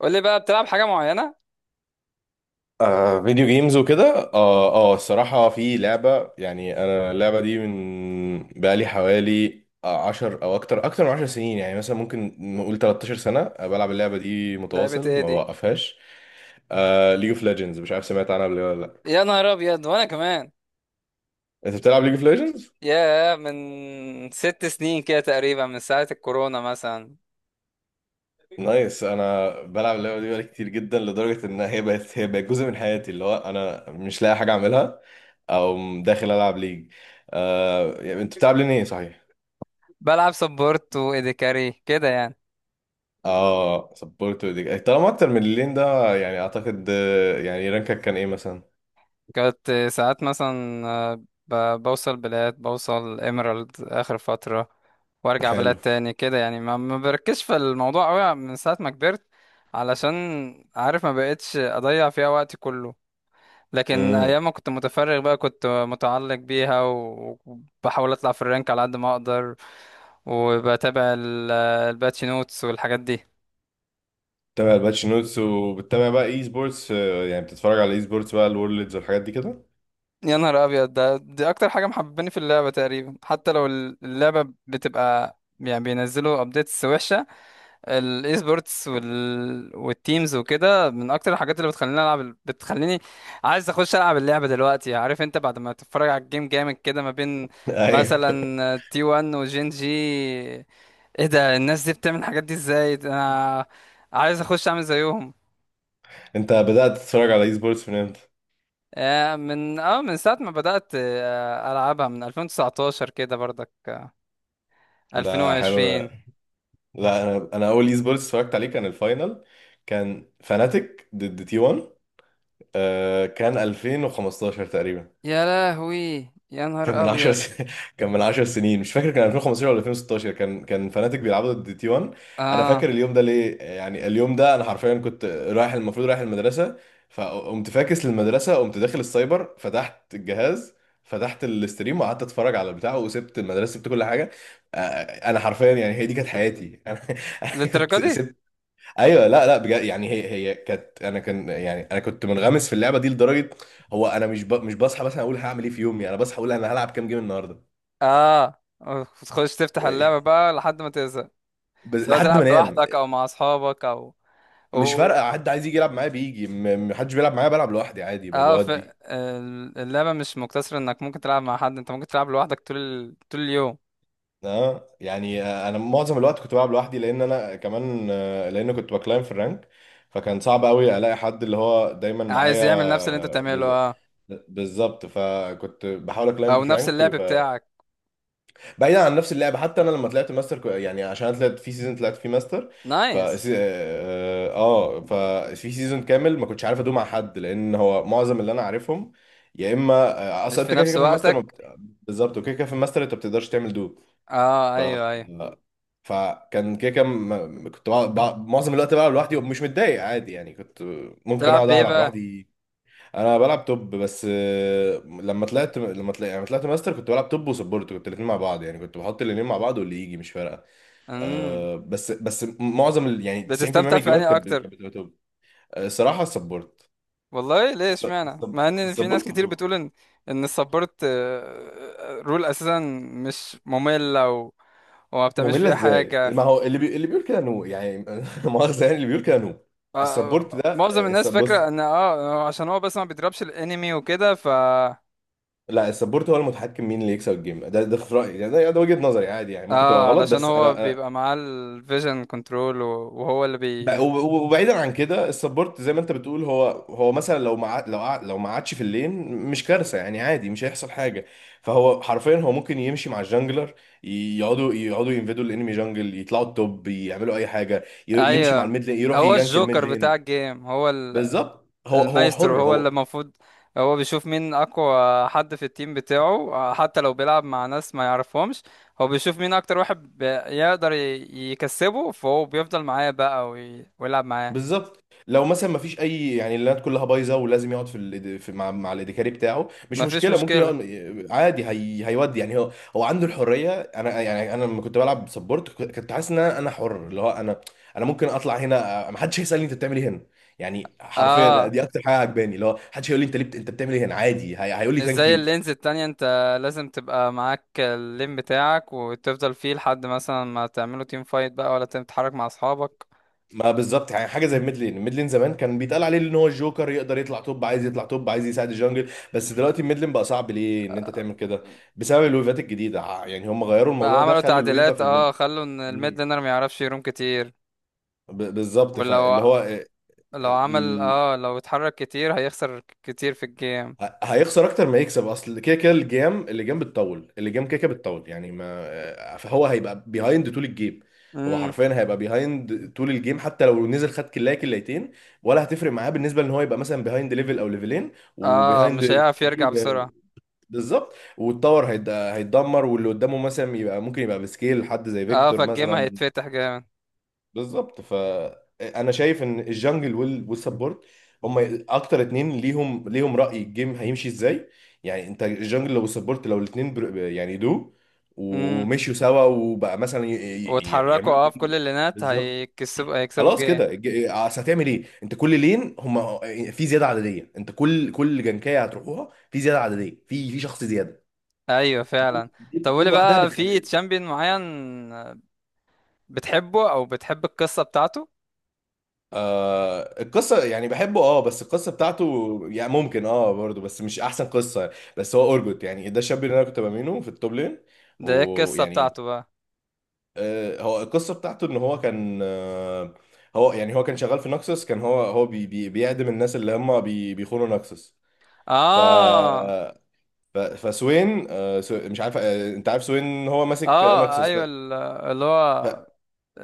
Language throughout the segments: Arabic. قول لي بقى بتلعب حاجة معينة؟ آه، فيديو جيمز وكده، الصراحة في لعبة، يعني انا اللعبة دي من بقالي حوالي عشر او اكتر من 10 سنين، يعني مثلا ممكن نقول 13 سنة بلعب اللعبة دي لعبة متواصل ايه ما دي؟ بوقفهاش. ليج اوف ليجندز، مش عارف سمعت عنها قبل كده ولا لا؟ يا نهار ابيض وانا كمان. انت بتلعب ليج اوف ليجندز؟ يا من 6 سنين كده تقريبا، من ساعة الكورونا مثلا. نايس. انا بلعب اللعبة دي بقالي كتير جدا، لدرجة ان هي بقت جزء من حياتي، اللي هو انا مش لاقي حاجة اعملها او داخل العب ليج. يعني انت بتلعب لين ايه، صحيح؟ بلعب سبورت وايدي كاري كده يعني. اه، سبورت دي طالما اكتر من اللين ده، يعني اعتقد، يعني رانكك كان ايه مثلا؟ كنت ساعات مثلا بوصل بلاد، بوصل ايميرالد اخر فترة، وارجع بلاد حلو. تاني كده يعني. ما بركزش في الموضوع قوي من ساعة ما كبرت، علشان عارف ما بقتش اضيع فيها وقتي كله. لكن امم. ايام ما كنت متفرغ بقى كنت متعلق بيها وبحاول اطلع في الرانك على قد ما اقدر. وبتابع الباتش نوتس والحاجات دي. بتتابع الباتشينوتس، وبتتابع بقى اي سبورتس، يعني بتتفرج على اي سبورتس بقى، الورلدز والحاجات دي كده؟ يا نهار ابيض، ده دي اكتر حاجه محبباني في اللعبه تقريبا، حتى لو اللعبه بتبقى يعني بينزلوا ابديتس وحشه. الاي سبورتس والتيمز وكده من اكتر الحاجات اللي بتخليني العب، بتخليني عايز اخش العب اللعبه دلوقتي. عارف، انت بعد ما تتفرج على الجيم جامد كده ما بين ايوه. مثلا تي 1 وجين جي، ايه ده، الناس دي بتعمل الحاجات دي ازاي، ده انا عايز اخش اعمل زيهم. انت بدأت تتفرج على اي سبورتس من امتى؟ من ساعة ما بدأت العبها، من 2019 كده برضك، ده حلو. 2020. لا، انا اول اي سبورتس اتفرجت عليه كان الفاينل. كان فاناتيك ضد تي 1. كان 2015 تقريبا. يا لهوي، يا كان نهار من 10 ابيض. سنين. كان من 10 سنين، مش فاكر كان 2015 ولا 2016. كان فناتيك بيلعبوا ضد تي 1. انا اه. فاكر اليوم ده ليه، يعني اليوم ده انا حرفيا كنت رايح، المفروض رايح المدرسه. فقمت فاكس للمدرسه، قمت داخل السايبر، فتحت الجهاز، فتحت الاستريم، وقعدت اتفرج على البتاع، وسبت المدرسه، سبت كل حاجه. آه، انا حرفيا، يعني هي دي كانت حياتي. انا للدرجة كنت دي؟ سبت. ايوه، لا، لا، بجد، يعني هي كانت، انا كان يعني انا كنت منغمس في اللعبه دي لدرجه. هو انا مش بصحى مثلا اقول هعمل ايه في يومي، انا بصحى اقول انا هلعب كام جيم النهارده. اه، تخش تفتح اللعبة بقى لحد ما تزهق. بس سواء لحد ما تلعب انام. لوحدك او مع اصحابك او و... مش فارقه، حد عايز يجي يلعب معايا بيجي، حدش بيلعب معايا بلعب لوحدي عادي، اه بودي. اللعبة مش مقتصرة انك ممكن تلعب مع حد، انت ممكن تلعب لوحدك طول طول اليوم. اه، يعني انا معظم الوقت كنت بلعب لوحدي، لان انا كمان، لان كنت بكلايم في الرانك. فكان صعب قوي الاقي حد اللي هو دايما عايز يعمل نفس اللي انت معايا بتعمله، اه. بالظبط. فكنت بحاول اكلايم في او نفس فرانك. اللعب بتاعك. بعيدا عن نفس اللعبه، حتى انا لما طلعت ماستر، يعني عشان أنا طلعت في سيزون طلعت فيه ماستر. ف اه نايس. آه، ففي سيزون كامل ما كنتش عارف ادوم مع حد، لان هو معظم اللي انا عارفهم يا اما، مش اصلا في انت كده نفس كده في الماستر ما وقتك. بت... بالظبط. وكده كده في الماستر انت ما بتقدرش تعمل دو. اه، ف ايوه، ايوه. فكان كده كده، كنت معظم الوقت بقى لوحدي، ومش متضايق عادي، يعني كنت ممكن تلعب اقعد بايه العب بقى؟ لوحدي. انا بلعب توب بس، لما طلعت ماستر كنت بلعب توب وسبورت، كنت الاثنين مع بعض، يعني كنت بحط الاثنين مع بعض واللي يجي مش فارقه. امم. بس معظم يعني 90% من بتستمتع في الجيمات انهي كانت اكتر؟ كانت بتبقى توب. الصراحه السبورت. والله، ليه اشمعنى، مع ان في ناس السبورت. كتير بتقول ان، ان السبورت رول اساسا مش مملة وما بتعملش ممله فيها ازاي؟ حاجة. ما هو اللي اللي بيقول كده نو، يعني لا مؤاخذه، يعني اللي بيقول كده نو. آه، السبورت ده، معظم الناس بص. فاكرة ان اه عشان هو بس ما بيضربش الانمي وكده لا، السبورت هو المتحكم مين اللي يكسب الجيم، ده في رايي، يعني ده وجهه نظري، عادي يعني ممكن تبقى اه غلط، علشان بس هو انا بيبقى معاه الفيجن كنترول وهو اللي بي. وبعيدا عن كده، السبورت زي ما انت بتقول، هو مثلا لو ما عادش في اللين مش كارثه، يعني عادي مش هيحصل حاجه. فهو حرفيا، هو ممكن يمشي مع الجانجلر، يقعدوا ينفدوا الانمي جانجل، يطلعوا التوب، يعملوا اي حاجه، يمشي مع ايوه، الميد لين، يروح هو يجانك الميد الجوكر بتاع لين. الجيم، هو بالظبط، هو المايسترو، حر هو اللي هو. المفروض هو بيشوف مين اقوى حد في التيم بتاعه، حتى لو بيلعب مع ناس ما يعرفهمش. هو بيشوف مين اكتر واحد يقدر يكسبه، فهو بيفضل معاه بقى ويلعب معاه. بالظبط، لو مثلا ما فيش اي، يعني اللينات كلها بايظه، ولازم يقعد في، في مع، الادكاري بتاعه، مش مفيش مشكله ممكن مشكلة. يقعد. عادي، هيودي، يعني هو عنده الحريه. انا يعني انا لما كنت بلعب سبورت، كنت حاسس ان انا حر، اللي هو انا، انا ممكن اطلع هنا ما حدش هيسالني انت بتعمل ايه هنا. يعني حرفيا اه، دي اكتر حاجه عجباني، اللي هو محدش هيقول لي انت ليه انت بتعمل ايه هنا. عادي هيقول لي مش ثانك زي يو. اللينز التانية، انت لازم تبقى معاك اللين بتاعك وتفضل فيه لحد مثلا ما تعملوا تيم فايت بقى، ولا تتحرك مع اصحابك. ما بالظبط، يعني حاجه زي ميدلين زمان كان بيتقال عليه ان هو الجوكر، يقدر يطلع توب عايز يطلع توب، عايز يساعد الجنجل، بس دلوقتي ميدلين بقى صعب ليه ان انت تعمل كده. بسبب الويفات الجديده، يعني هم غيروا بقى الموضوع ده، عملوا خلوا الويفه تعديلات، في اه، الميدل. خلوا ان الميد مم. لينر ما يعرفش يروم كتير. بالظبط. ولو، فاللي هو لو عمل اه، لو اتحرك كتير هيخسر كتير في الجيم. هيخسر اكتر ما يكسب، اصل كده كده الجيم، اللجام بتطول، اللجام كده كده بتطول يعني ما. فهو هيبقى بيهايند طول الجيم. هو امم. حرفيا هيبقى بيهايند طول الجيم، حتى لو نزل خد كلايه كلايتين، ولا هتفرق معاه بالنسبه ان هو يبقى مثلا بيهايند ليفل او ليفلين، اه، وبيهايند مش اكس هيعرف بي يرجع بسرعة. بالظبط، والتاور هيتدمر، واللي قدامه مثلا يبقى ممكن يبقى بسكيل حد زي اه، فيكتور فالجيم مثلا. هيتفتح جامد. بالظبط. انا شايف ان الجنجل والسبورت، هم اكتر اتنين ليهم رأي الجيم هيمشي ازاي. يعني انت الجنجل لو السبورت لو الاتنين يعني دو، امم، ومشيوا سوا، وبقى مثلا واتحركوا يعملوا اه في كوم. كل اللينات بالظبط. هيكسبوا، هيكسبوا خلاص الجيم. كده اصل هتعمل ايه، انت كل لين هم في زياده عدديه، انت كل جنكايه هتروحوها في زياده عدديه، في شخص زياده. ايوه، دي, فعلا. دي طب، دي قولي لوحدها. بقى، في تشامبيون معين بتحبه او بتحب القصة بتاعته؟ آه، القصة، يعني بحبه، بس القصة بتاعته يعني ممكن، برضه، بس مش أحسن قصة. بس هو أورجوت، يعني ده الشاب اللي أنا كنت بامينه في التوب لين. ده ايه القصة ويعني، بتاعته بقى؟ هو القصة بتاعته إن هو كان هو يعني هو كان شغال في نكسس، كان هو بي بي بيعدم الناس اللي هم بيخونوا نكسس. ف اه. فسوين، مش عارف، انت عارف سوين؟ هو ماسك اه، نكسس ايوه اللي هو.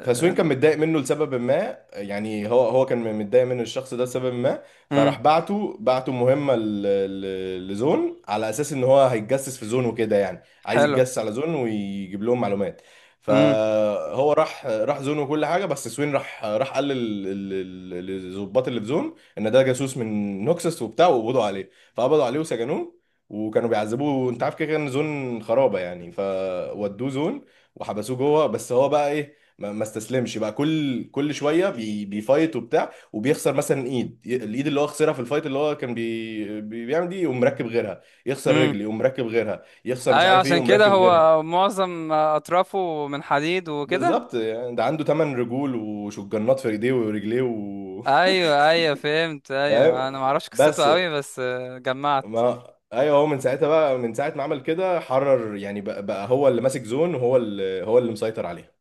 فسوين كان متضايق منه لسبب ما، يعني هو كان متضايق من الشخص ده لسبب ما. مم. فراح بعته مهمة لزون، على أساس إن هو هيتجسس في زون وكده، يعني عايز حلو. يتجسس على زون ويجيب لهم معلومات. امم. فهو راح زون وكل حاجة، بس سوين راح قال للظباط اللي في زون، إن ده جاسوس من نوكسس وبتاع، وقبضوا عليه، فقبضوا عليه وسجنوه. وكانوا بيعذبوه، انت عارف كده كده ان زون خرابه، يعني فودوه زون، وحبسوه جوه. بس هو بقى ايه؟ ما استسلمش بقى، كل شويه بيفايت وبتاع، وبيخسر مثلا ايد، الايد اللي هو خسرها في الفايت اللي هو كان بيعمل دي، يقوم مركب غيرها. يخسر امم. رجل يقوم مركب غيرها، يخسر مش ايوه، عارف ايه عشان يقوم كده مركب غيرها. هو معظم اطرافه من حديد وكده. بالظبط، يعني ده عنده 8 رجول وشجنات في ايديه ورجليه ايوه، ايوه، فهمت، فاهم. ايوه، انا ما اعرفش بس، قصته قوي بس جمعت. ما ايوه، هو من ساعتها، بقى من ساعه ما عمل كده حرر، يعني بقى هو اللي ماسك زون، وهو اللي مسيطر عليها.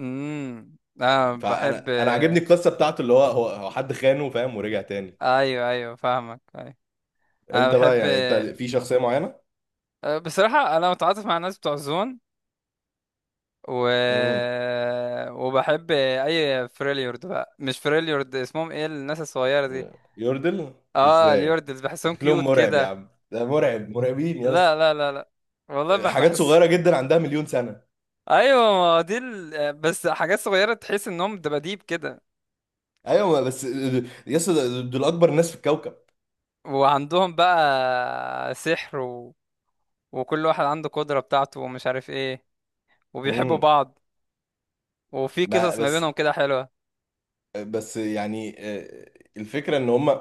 امم، انا بحب فانا عاجبني آه، القصه بتاعته، اللي هو حد خانه، فاهم، ورجع تاني. ايوه، ايوه، فاهمك، ايوه. انا انت بقى، بحب يعني انت في شخصية معينة؟ بصراحه انا متعاطف مع الناس بتوع زون و... امم. وبحب اي فريليورد بقى، مش فريليورد، اسمهم ايه، الناس الصغيره دي؟ يوردل. اه، ازاي؟ اليوردز بحسهم شكلهم كيوت مرعب يا كده. عم، ده مرعب، مرعبين يا لا، اسطى. لا، لا، لا، والله حاجات بحس. صغيرة جدا عندها 1,000,000 سنة. ايوه، ما هو دي بس حاجات صغيره تحس انهم دباديب كده. ايوه، بس، يا اسطى دول اكبر ناس في الكوكب. وعندهم بقى سحر وكل واحد عنده قدره بتاعته ومش عارف ايه. وبيحبوا امم. بعض. وفي قصص ما بس بينهم كده حلوه. بس يعني، الفكرة ان هم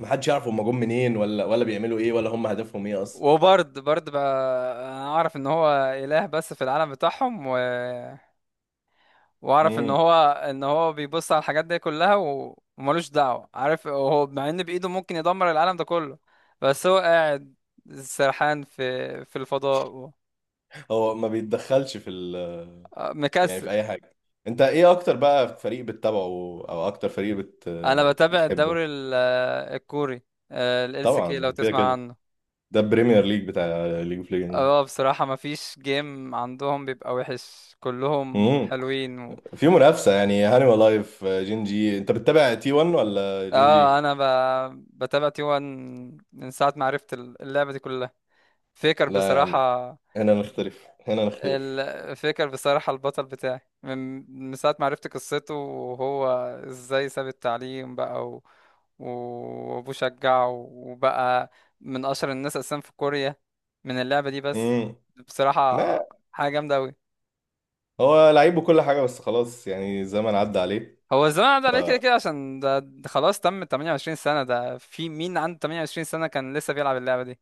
ما حدش يعرف هم جم منين، ولا بيعملوا ايه، ولا هم هدفهم ايه اصلا. وبرد، برد بقى انا اعرف ان هو اله بس في العالم بتاعهم واعرف ان امم. هو، ان هو بيبص على الحاجات دي كلها وملوش دعوه، عارف، هو مع ان بايده ممكن يدمر العالم ده كله، بس هو قاعد سرحان في الفضاء، هو ما بيتدخلش في ال، يعني في مكسل. اي حاجة. انت ايه اكتر بقى فريق بتتابعه، او اكتر فريق انا بتابع بتحبه؟ الدوري الكوري، ال سي، لو طبعا كده تسمع كده، عنه. ده البريمير ليج بتاع ليج اوف ليجندز. اه، بصراحة ما فيش جيم عندهم بيبقى وحش، كلهم امم. حلوين في منافسه يعني هانيمال لايف جين جي، انت بتتابع تي 1 ولا جين جي؟ اه، انا بتابع تي 1 من ساعة ما عرفت اللعبة دي كلها. فيكر لا يا عم، بصراحة، هنا نختلف، هنا نختلف. الفكر بصراحة البطل بتاعي، من ساعة ما عرفت قصته، وهو ازاي ساب التعليم بقى وابوه شجعه وبقى من اشهر الناس اساسا في كوريا من اللعبة دي بس، امم. بصراحة ما حاجة جامدة اوي. هو لعيب وكل حاجه، بس خلاص يعني الزمن عدى عليه. هو الزمن عدى عليه كده كده، عشان ده خلاص تم 28 سنة، ده في مين عنده 28 سنة كان لسه بيلعب اللعبة دي.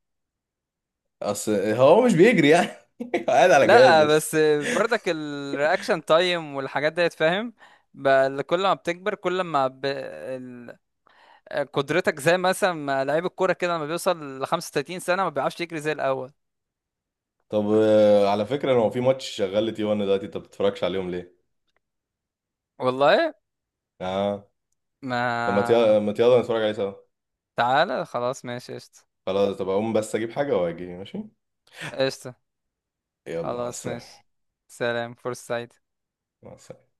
اصل هو مش بيجري يعني. قاعد على جهاز لا، بس. بس برضك الرياكشن تايم والحاجات ديت، فاهم. بقى كل ما بتكبر كل ما قدرتك، زي مثلا ما لعيب الكوره كده لما بيوصل ل 35 سنه ما بيعرفش يجري زي الاول. طب، على فكره هو في ماتش شغال لتي 1 دلوقتي، انت ما بتتفرجش عليهم ليه؟ والله اه. طب ما. ما يلا نتفرج عليه سوا. تعالى خلاص، ماشي، قشطه. خلاص، طب اقوم بس اجيب حاجه واجي، ماشي. قشطه. يلا، مع خلاص ماشي. السلامه. سلام، فرصه سعيدة. مع السلامه.